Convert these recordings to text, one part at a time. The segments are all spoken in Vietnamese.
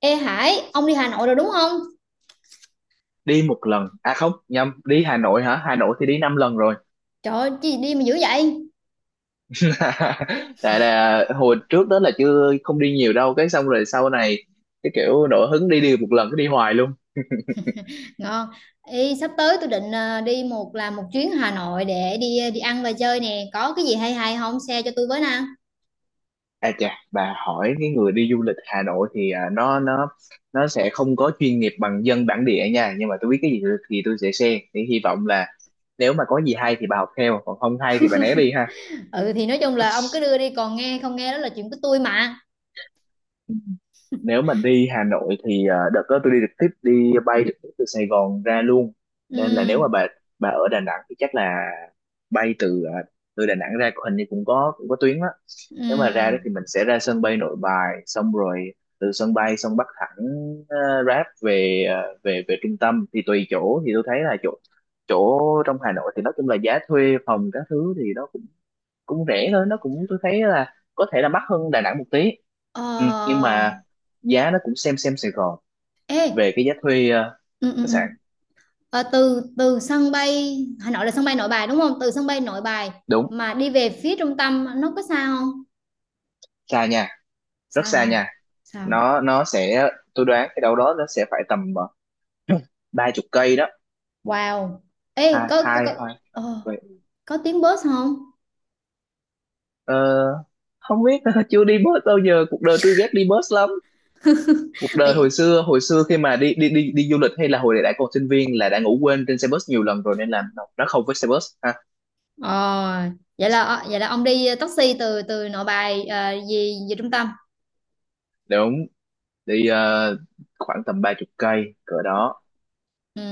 Ê Hải, ông đi Hà Nội rồi đúng không? Đi một lần, à không, nhầm. Đi Hà Nội hả? Hà Nội thì đi 5 lần rồi. Trời ơi, chi đi mà dữ vậy? Tại là hồi trước đó là chưa, không đi nhiều đâu, cái xong rồi sau này cái kiểu nổi hứng đi, đi một lần cứ đi hoài luôn. Ngon. Ê, sắp tới tôi định đi một làm một chuyến Hà Nội để đi đi ăn và chơi nè. Có cái gì hay hay không? Share cho tôi với nè. À chà, bà hỏi cái người đi du lịch Hà Nội thì nó nó sẽ không có chuyên nghiệp bằng dân bản địa nha, nhưng mà tôi biết cái gì thì tôi sẽ share, thì hy vọng là nếu mà có gì hay thì bà học theo, còn không hay thì bà né đi ha. Ừ thì nói chung là ông cứ đưa đi còn nghe không nghe đó là chuyện của tôi mà. Nếu mà đi Hà Nội thì đợt đó tôi đi trực tiếp, đi bay trực tiếp từ Sài Gòn ra luôn, nên là nếu Ừ mà bà ở Đà Nẵng thì chắc là bay từ từ Đà Nẵng ra, hình như cũng có, cũng có tuyến đó. Nếu mà ra ừ. đó thì mình sẽ ra sân bay Nội Bài, xong rồi từ sân bay xong bắt thẳng Grab về, về, về trung tâm. Thì tùy chỗ, thì tôi thấy là chỗ chỗ trong Hà Nội thì nói chung là giá thuê phòng các thứ thì nó cũng, cũng rẻ thôi, nó cũng, tôi thấy là có thể là mắc hơn Đà Nẵng một tí. Ờ Ừ, nhưng mà giá nó cũng xem Sài Gòn ê về cái giá thuê ừ ừ khách ừ. sạn. Ờ, từ từ sân bay Hà Nội là sân bay Nội Bài đúng không? Từ sân bay Nội Bài Đúng. mà đi về phía trung tâm nó có xa không? Xa nha. Rất Xa xa hả? nha. Sao? Nó sẽ, tôi đoán cái đâu đó nó sẽ phải tầm 30 cây đó. Wow. Ê, Hai có hai có hai ờ, vậy. có tiếng bus không? ờ, Không biết. Chưa đi bus bao giờ, cuộc đời tôi ghét đi bus lắm. Cuộc đời hồi Vậy- xưa, hồi xưa khi mà đi đi du lịch hay là hồi đã còn sinh viên là đã ngủ quên trên xe bus nhiều lần rồi nên là nó không với xe bus ha. Ờ, vậy là vậy là ông đi taxi từ từ Nội Bài về về trung tâm. Đúng. Đi khoảng tầm 30 cây cỡ đó. Ừ,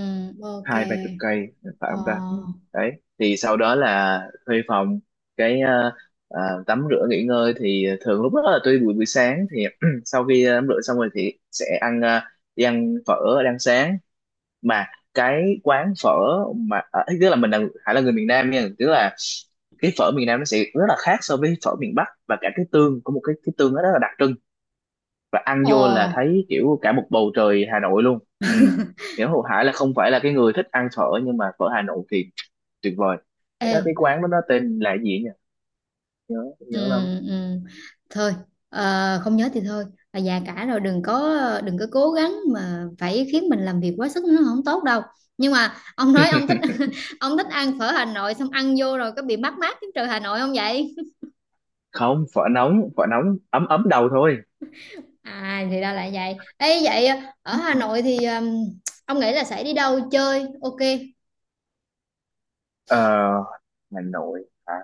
ok. 20 30 cây, phải không ta. Ừ. Ờ. Đấy. Thì sau đó là thuê phòng, cái tắm rửa nghỉ ngơi. Thì thường lúc đó là tuy buổi, buổi sáng thì sau khi tắm rửa xong rồi thì sẽ ăn, đi ăn phở, ăn sáng. Mà cái quán phở mà tức là mình là, Hải là người miền Nam nha, tức là cái phở miền Nam nó sẽ rất là khác so với phở miền Bắc, và cả cái tương, có một cái tương nó rất là đặc trưng, và ăn vô là Ờ. thấy kiểu cả một bầu trời Hà Nội luôn. Ừ. Nghĩa Hồ Hải là không phải là cái người thích ăn phở, nhưng mà phở Hà Nội thì tuyệt vời. Cái Ê, đó, cái quán đó nó tên là cái gì nhỉ, nhớ, ừ, nhớ lắm. ừ. Thôi, không nhớ thì thôi. Và già cả rồi đừng có đừng có cố gắng mà phải khiến mình làm việc quá sức nó không tốt đâu. Nhưng mà ông nói ông thích ông thích ăn phở Hà Nội xong ăn vô rồi có bị mắc mát cái trời Hà Nội không vậy? Không, phở nóng, phở nóng ấm ấm đầu thôi. À thì ra là vậy. Ê vậy ở Ừ. Hà Nội thì ông nghĩ là sẽ đi đâu chơi? Ok. ờ, Hà Nội hả.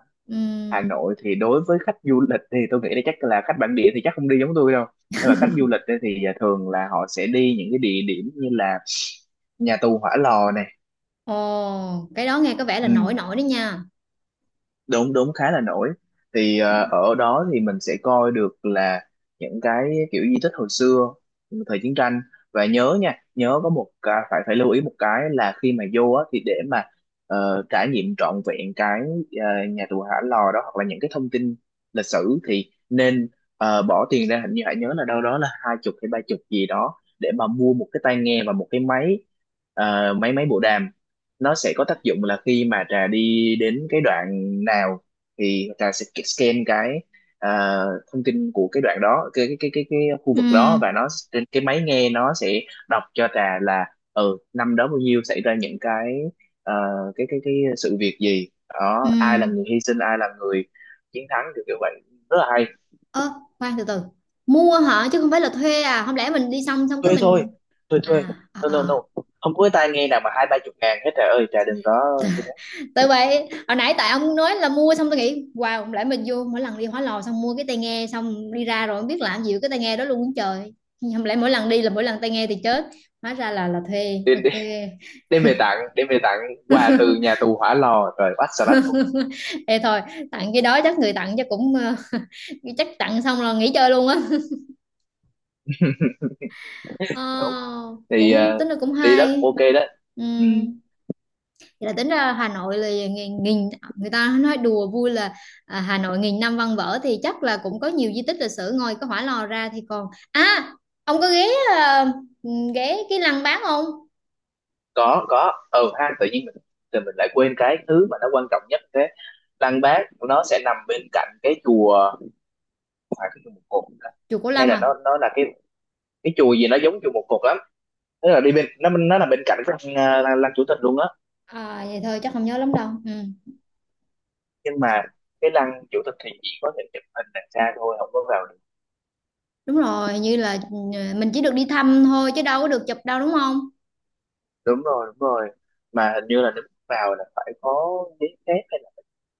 Hà Ừm, Nội thì đối với khách du lịch thì tôi nghĩ là, chắc là khách bản địa thì chắc không đi giống tôi đâu, nhưng mà khách du lịch ấy thì thường là họ sẽ đi những cái địa điểm như là nhà tù Hỏa Lò này. Ồ, cái đó nghe có vẻ là Ừ. nổi nổi đấy nha. Đúng, đúng, khá là nổi. Thì ở đó thì mình sẽ coi được là những cái kiểu di tích hồi xưa, thời chiến tranh. Và nhớ nha, nhớ có một cái, phải, phải lưu ý một cái là khi mà vô á, thì để mà trải nghiệm trọn vẹn cái nhà tù Hỏa Lò đó, hoặc là những cái thông tin lịch sử thì nên bỏ tiền ra, hình như hãy nhớ là đâu đó là 20 hay 30 gì đó, để mà mua một cái tai nghe và một cái máy, máy bộ đàm. Nó sẽ có tác dụng là khi mà trà đi đến cái đoạn nào thì trà sẽ scan cái, à, thông tin của cái đoạn đó, cái khu vực đó, Ừm, và nó trên cái máy nghe nó sẽ đọc cho trà là, ừ, năm đó bao nhiêu, xảy ra những cái ờ, cái sự việc gì đó, ai là ừm. người hy sinh, ai là người chiến thắng, kiểu kiểu vậy, rất là hay. Ơ, khoan từ từ. Mua hả chứ không phải là thuê à? Không lẽ mình đi xong xong cái Thuê thôi. mình Thuê thuê. à à No no à. no, không có cái tai nghe nào mà 20 30 ngàn hết trà ơi, trà đừng có như À. Tại vậy hồi nãy tại ông nói là mua xong tôi nghĩ wow không lẽ mình vô mỗi lần đi Hóa Lò xong mua cái tai nghe xong đi ra rồi không biết làm gì với cái tai nghe đó luôn trời, không lẽ mỗi lần đi là mỗi lần tai nghe thì chết, hóa ra là thuê thế. ok. Đem về tặng, đem về tặng quà từ nhà tù Hỏa Lò rồi quá salad vô cùng. Ê thôi, tặng cái đó chắc người tặng chắc cũng chắc tặng xong là nghỉ chơi luôn á. Ờ, Đúng. Thì cũng tính là cũng đi đó cũng hay ok đó. ừ. Ừ, Thì là tính ra Hà Nội là nghìn, nghìn người ta nói đùa vui là à, Hà Nội nghìn năm văn vở thì chắc là cũng có nhiều di tích lịch sử ngoài cái Hỏa Lò ra thì còn à ông có ghé à, ghé cái lăng Bác không? có, ừ ha, tự nhiên mình, thì mình lại quên cái thứ mà nó quan trọng nhất thế. Lăng Bác nó sẽ nằm bên cạnh cái chùa, phải cái chùa Một Cột hả? Chùa Cổ Hay Lam là à? nó là cái chùa gì nó giống chùa Một Cột lắm. Tức là đi bên nó là bên cạnh cái lăng, ờ, lăng, lăng chủ tịch luôn á. À vậy thôi chắc không nhớ lắm đâu ừ. Nhưng mà cái lăng chủ tịch thì chỉ có thể chụp hình đằng xa thôi, không có vào. Đúng rồi, như là ừ, mình chỉ được đi thăm thôi chứ đâu có được chụp đâu đúng không? Đúng rồi, đúng rồi. Mà hình như là nếu vào là phải có giấy phép, hay là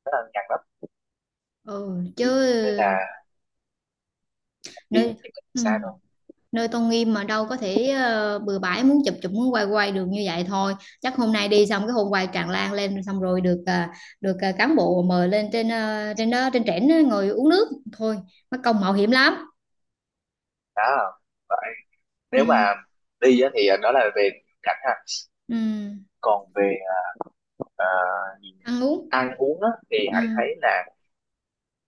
nó là ngăn lắm. Ừ chứ Ừ. Nên là đi nơi thì mình ừ. xa thôi. Nơi tôn nghiêm mà đâu có thể bừa bãi muốn chụp chụp muốn quay quay được như vậy thôi, chắc hôm nay đi xong cái hôm quay tràn lan lên xong rồi được được cán bộ mời lên trên trên đó trên trển á, ngồi uống nước thôi, mất công mạo hiểm lắm. Đó. Vậy, nếu mà Ừ, đi á, thì đó là về cảnh ha. ừ, Còn về ờ, gì nhỉ? ăn uống Ăn uống á, thì ừ. hãy thấy là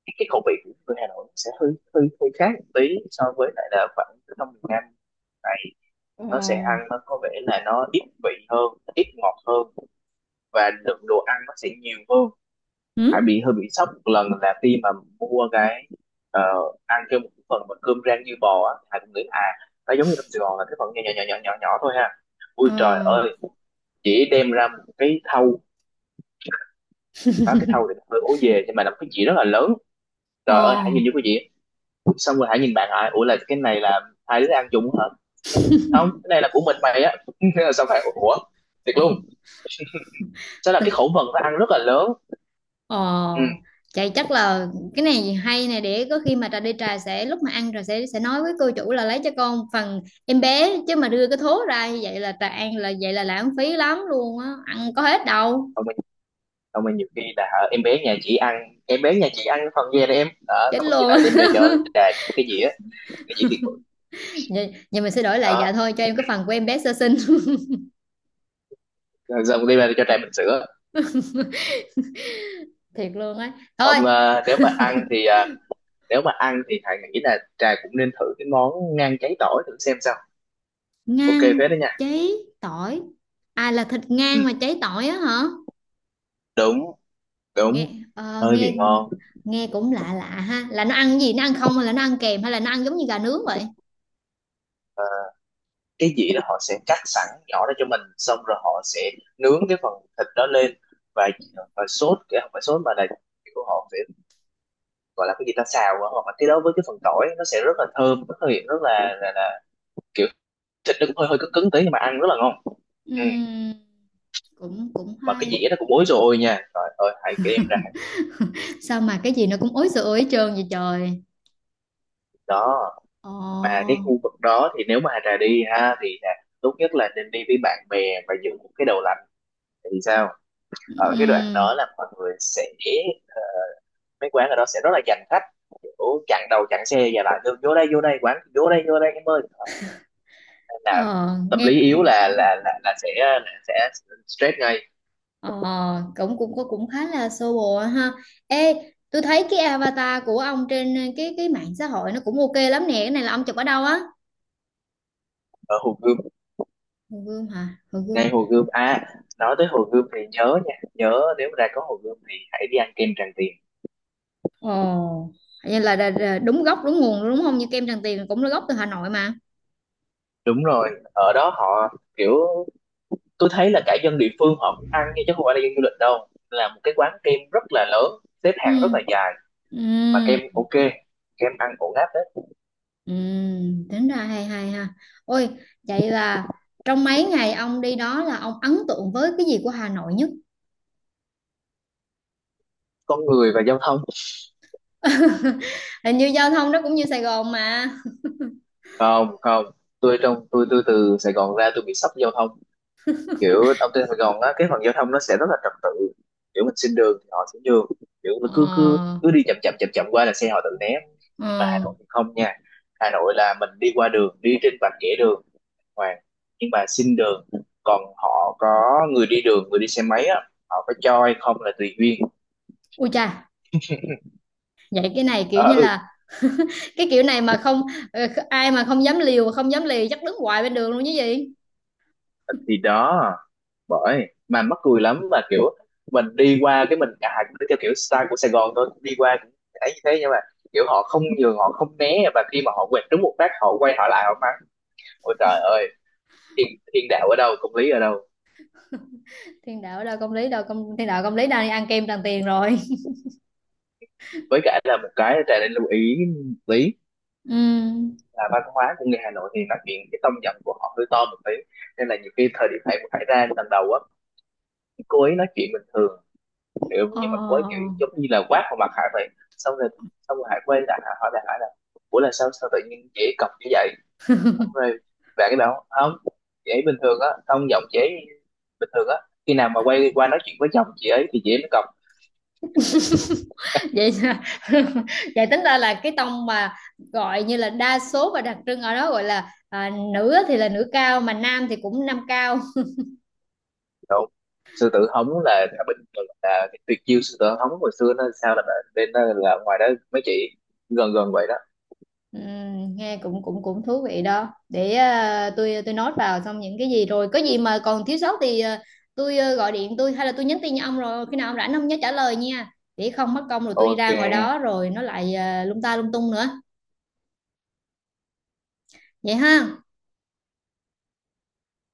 cái khẩu vị của người Hà Nội sẽ hơi hơi hơi khác một tí so với lại là khoảng ở trong miền Nam. Tại Ờ. nó sẽ ăn, nó có vẻ là nó ít vị hơn, ít ngọt hơn, và lượng đồ ăn nó sẽ nhiều hơn. Hải Ừ? bị hơi bị sốc một lần là khi mà mua cái, ờ, ăn kêu một phần mà cơm rang như bò á, Hải cũng nghĩ à, nó giống như trong Sài Gòn là cái phần nhỏ nhỏ nhỏ nhỏ nhỏ nhỏ thôi ha. Ui trời Ờ. ơi, chị đem ra một cái thau. Đó, cái thau thì nó hơi ố về, nhưng mà là một cái dĩa rất là lớn. Ờ. Trời ơi, Hải nhìn vô cái dĩa, xong rồi Hải nhìn bạn Hải, ủa là cái này là hai đứa ăn chung hả? Không, cái này là của mình mày á. Thế là xong Hải ủa, thiệt luôn. Thế là cái khẩu phần nó ăn rất là lớn. Ừ. Ồ, chạy chắc là cái này hay nè để có khi mà trà đi trà sẽ lúc mà ăn trà sẽ nói với cô chủ là lấy cho con phần em bé chứ mà đưa cái thố ra như vậy là trà ăn là vậy là lãng phí lắm luôn á, ăn có hết đâu, Xong rồi nhiều khi là em bé nhà chị ăn, em bé nhà chị ăn phần về đây em đó, chết xong rồi chị luôn. Á. lại đem ra cho trà cái gì á, cái gì thiệt bự. Vậy, vậy mình sẽ đổi lại dạ Đó. thôi cho em cái phần của em bé sơ sinh. Rồi xong đem ra cho trà bình sữa. Thiệt luôn á. Thôi, Ông, nếu mà ăn thì nếu mà ăn thì thầy nghĩ là trà cũng nên thử cái món ngan cháy tỏi thử xem sao. Ok phết ngang đó nha. cháy tỏi. À là thịt Ừ, ngang mà cháy tỏi á hả? đúng, đúng. Nghe Hơi nghe bị ngon. nghe cũng lạ lạ ha, là nó ăn gì nó ăn không hay là nó ăn kèm hay là nó ăn giống như gà nướng vậy? Ờ, cái dĩa đó họ sẽ cắt sẵn nhỏ ra cho mình, xong rồi họ sẽ nướng cái phần thịt đó lên, và và sốt cái, không phải sốt mà là kiểu họ sẽ gọi là cái gì ta, xào á, hoặc là cái đó với cái phần tỏi nó sẽ rất là thơm, rất là hiện, rất là, là kiểu, thịt nó cũng hơi hơi cứng cứng tí nhưng mà ăn rất là ngon. Ừ. Ừm, cũng cũng Mà cái hay. dĩa nó cũng ối rồi nha, trời ơi, hãy đem ra. Sao mà cái gì nó cũng ối sửa ối trơn vậy trời? Đó. Mà cái Ồ, khu vực đó thì nếu mà Hà Trà đi ha thì Hà, tốt nhất là nên đi với bạn bè và dựng một cái đầu lạnh thì sao. Ở cái đoạn ừm, đó là mọi người sẽ, mấy quán ở đó sẽ rất là giành khách, kiểu chặn đầu chặn xe và lại, "Được, vô đây quán, vô đây em ơi." Đó, nên là ờ, tâm nghe lý yếu là là sẽ, là sẽ stress ngay. ờ, cũng cũng cũng cũng khá là sơ bộ ha. Ê, tôi thấy cái avatar của ông trên cái mạng xã hội nó cũng ok lắm nè. Cái này là ông chụp ở đâu á? Ở Hồ Gươm. Hồ Gươm hả? Hồ Gươm. Ngay Hồ Gươm à. Nói tới Hồ Gươm thì nhớ nha, nhớ nếu mà ra có Hồ Gươm thì hãy đi ăn kem Tràng Tiền. Ồ, vậy là đúng gốc đúng nguồn luôn đúng không? Như kem Tràng Tiền cũng là gốc từ Hà Nội mà. Đúng rồi. Ở đó họ kiểu, tôi thấy là cả dân địa phương họ cũng ăn nha, chứ không phải là dân du lịch đâu, là một cái quán kem rất là lớn, xếp hàng Ừ. rất là dài, mà kem Ừ. ok, kem ăn ổn áp đấy. Ừ, tính ra hay hay ha. Ôi, vậy là trong mấy ngày ông đi đó là ông ấn tượng với cái gì của Hà Nội nhất? Con người và giao thông. Hình như giao thông nó cũng như Sài Gòn mà. Không không, tôi trong tôi từ Sài Gòn ra tôi bị sốc giao thông. Kiểu ở trên Sài Gòn á, cái phần giao thông nó sẽ rất là trật tự, kiểu mình xin đường thì họ sẽ đường, kiểu mình cứ cứ Ờ, cứ đi chậm chậm chậm chậm qua là xe họ tự né. Nhưng mà Hà ờ. Nội thì không nha. Hà Nội là mình đi qua đường, đi trên vạch kẻ đường hoàng, nhưng mà xin đường, còn họ, có người đi đường, người đi xe máy á, họ có cho hay không là tùy duyên. Ui cha, vậy cái này kiểu như Ừ. là cái kiểu này mà không ờ, ai mà không dám liều không dám lì chắc đứng hoài bên đường luôn chứ gì? Thì đó, bởi mà mắc cười lắm, mà kiểu mình đi qua cái mình cả hai cũng đi theo kiểu style của Sài Gòn thôi, đi qua cũng thấy như thế. Nhưng mà kiểu họ không nhường, họ không né, và khi mà họ quẹt trúng một phát họ quay họ lại họ mắng, ôi trời ơi, thiên, thiên đạo ở đâu, công lý ở đâu. Thiên đạo đâu công lý đâu công thiên đạo công lý đang đi ăn kem Tràng Tiền rồi. Với cả là một cái, trà nên lưu ý lý Ừ. là văn hóa của người Hà Nội thì nói chuyện cái tông giọng của họ hơi to một tí, nên là nhiều khi thời điểm này cũng, phải ra lần đầu á, cô ấy nói chuyện bình thường, hiểu, nhưng mà cô ấy kiểu Ờ. giống như là quát vào mặt Hải vậy. Xong rồi, xong rồi Hải quay lại, Hải hỏi lại Hải là, ủa là sao, sao tự nhiên chị cọc như vậy. Xong rồi bạn cái bảo không, chị ấy bình thường á, tông giọng chị ấy bình thường á, khi nào mà quay qua nói chuyện với chồng chị ấy thì chị ấy mới cọc. Vậy là- vậy tính ra là cái tông mà gọi như là đa số và đặc trưng ở đó gọi là à, nữ thì là nữ cao mà nam thì cũng nam cao. Rồi, sư tử hống là bình thường, là cái tuyệt chiêu sư tử hống hồi xưa nó sao, là nên là ngoài đó mấy chị gần gần vậy đó. Ừ, nghe cũng cũng cũng thú vị đó, để à, tôi nốt vào xong những cái gì rồi có gì mà còn thiếu sót thì à, tôi à, gọi điện tôi hay là tôi nhắn tin cho ông rồi khi nào ông rảnh ông nhớ trả lời nha, để không mất công rồi tôi đi ra ngoài Ok. đó rồi nó lại à, lung ta lung tung nữa, vậy ha.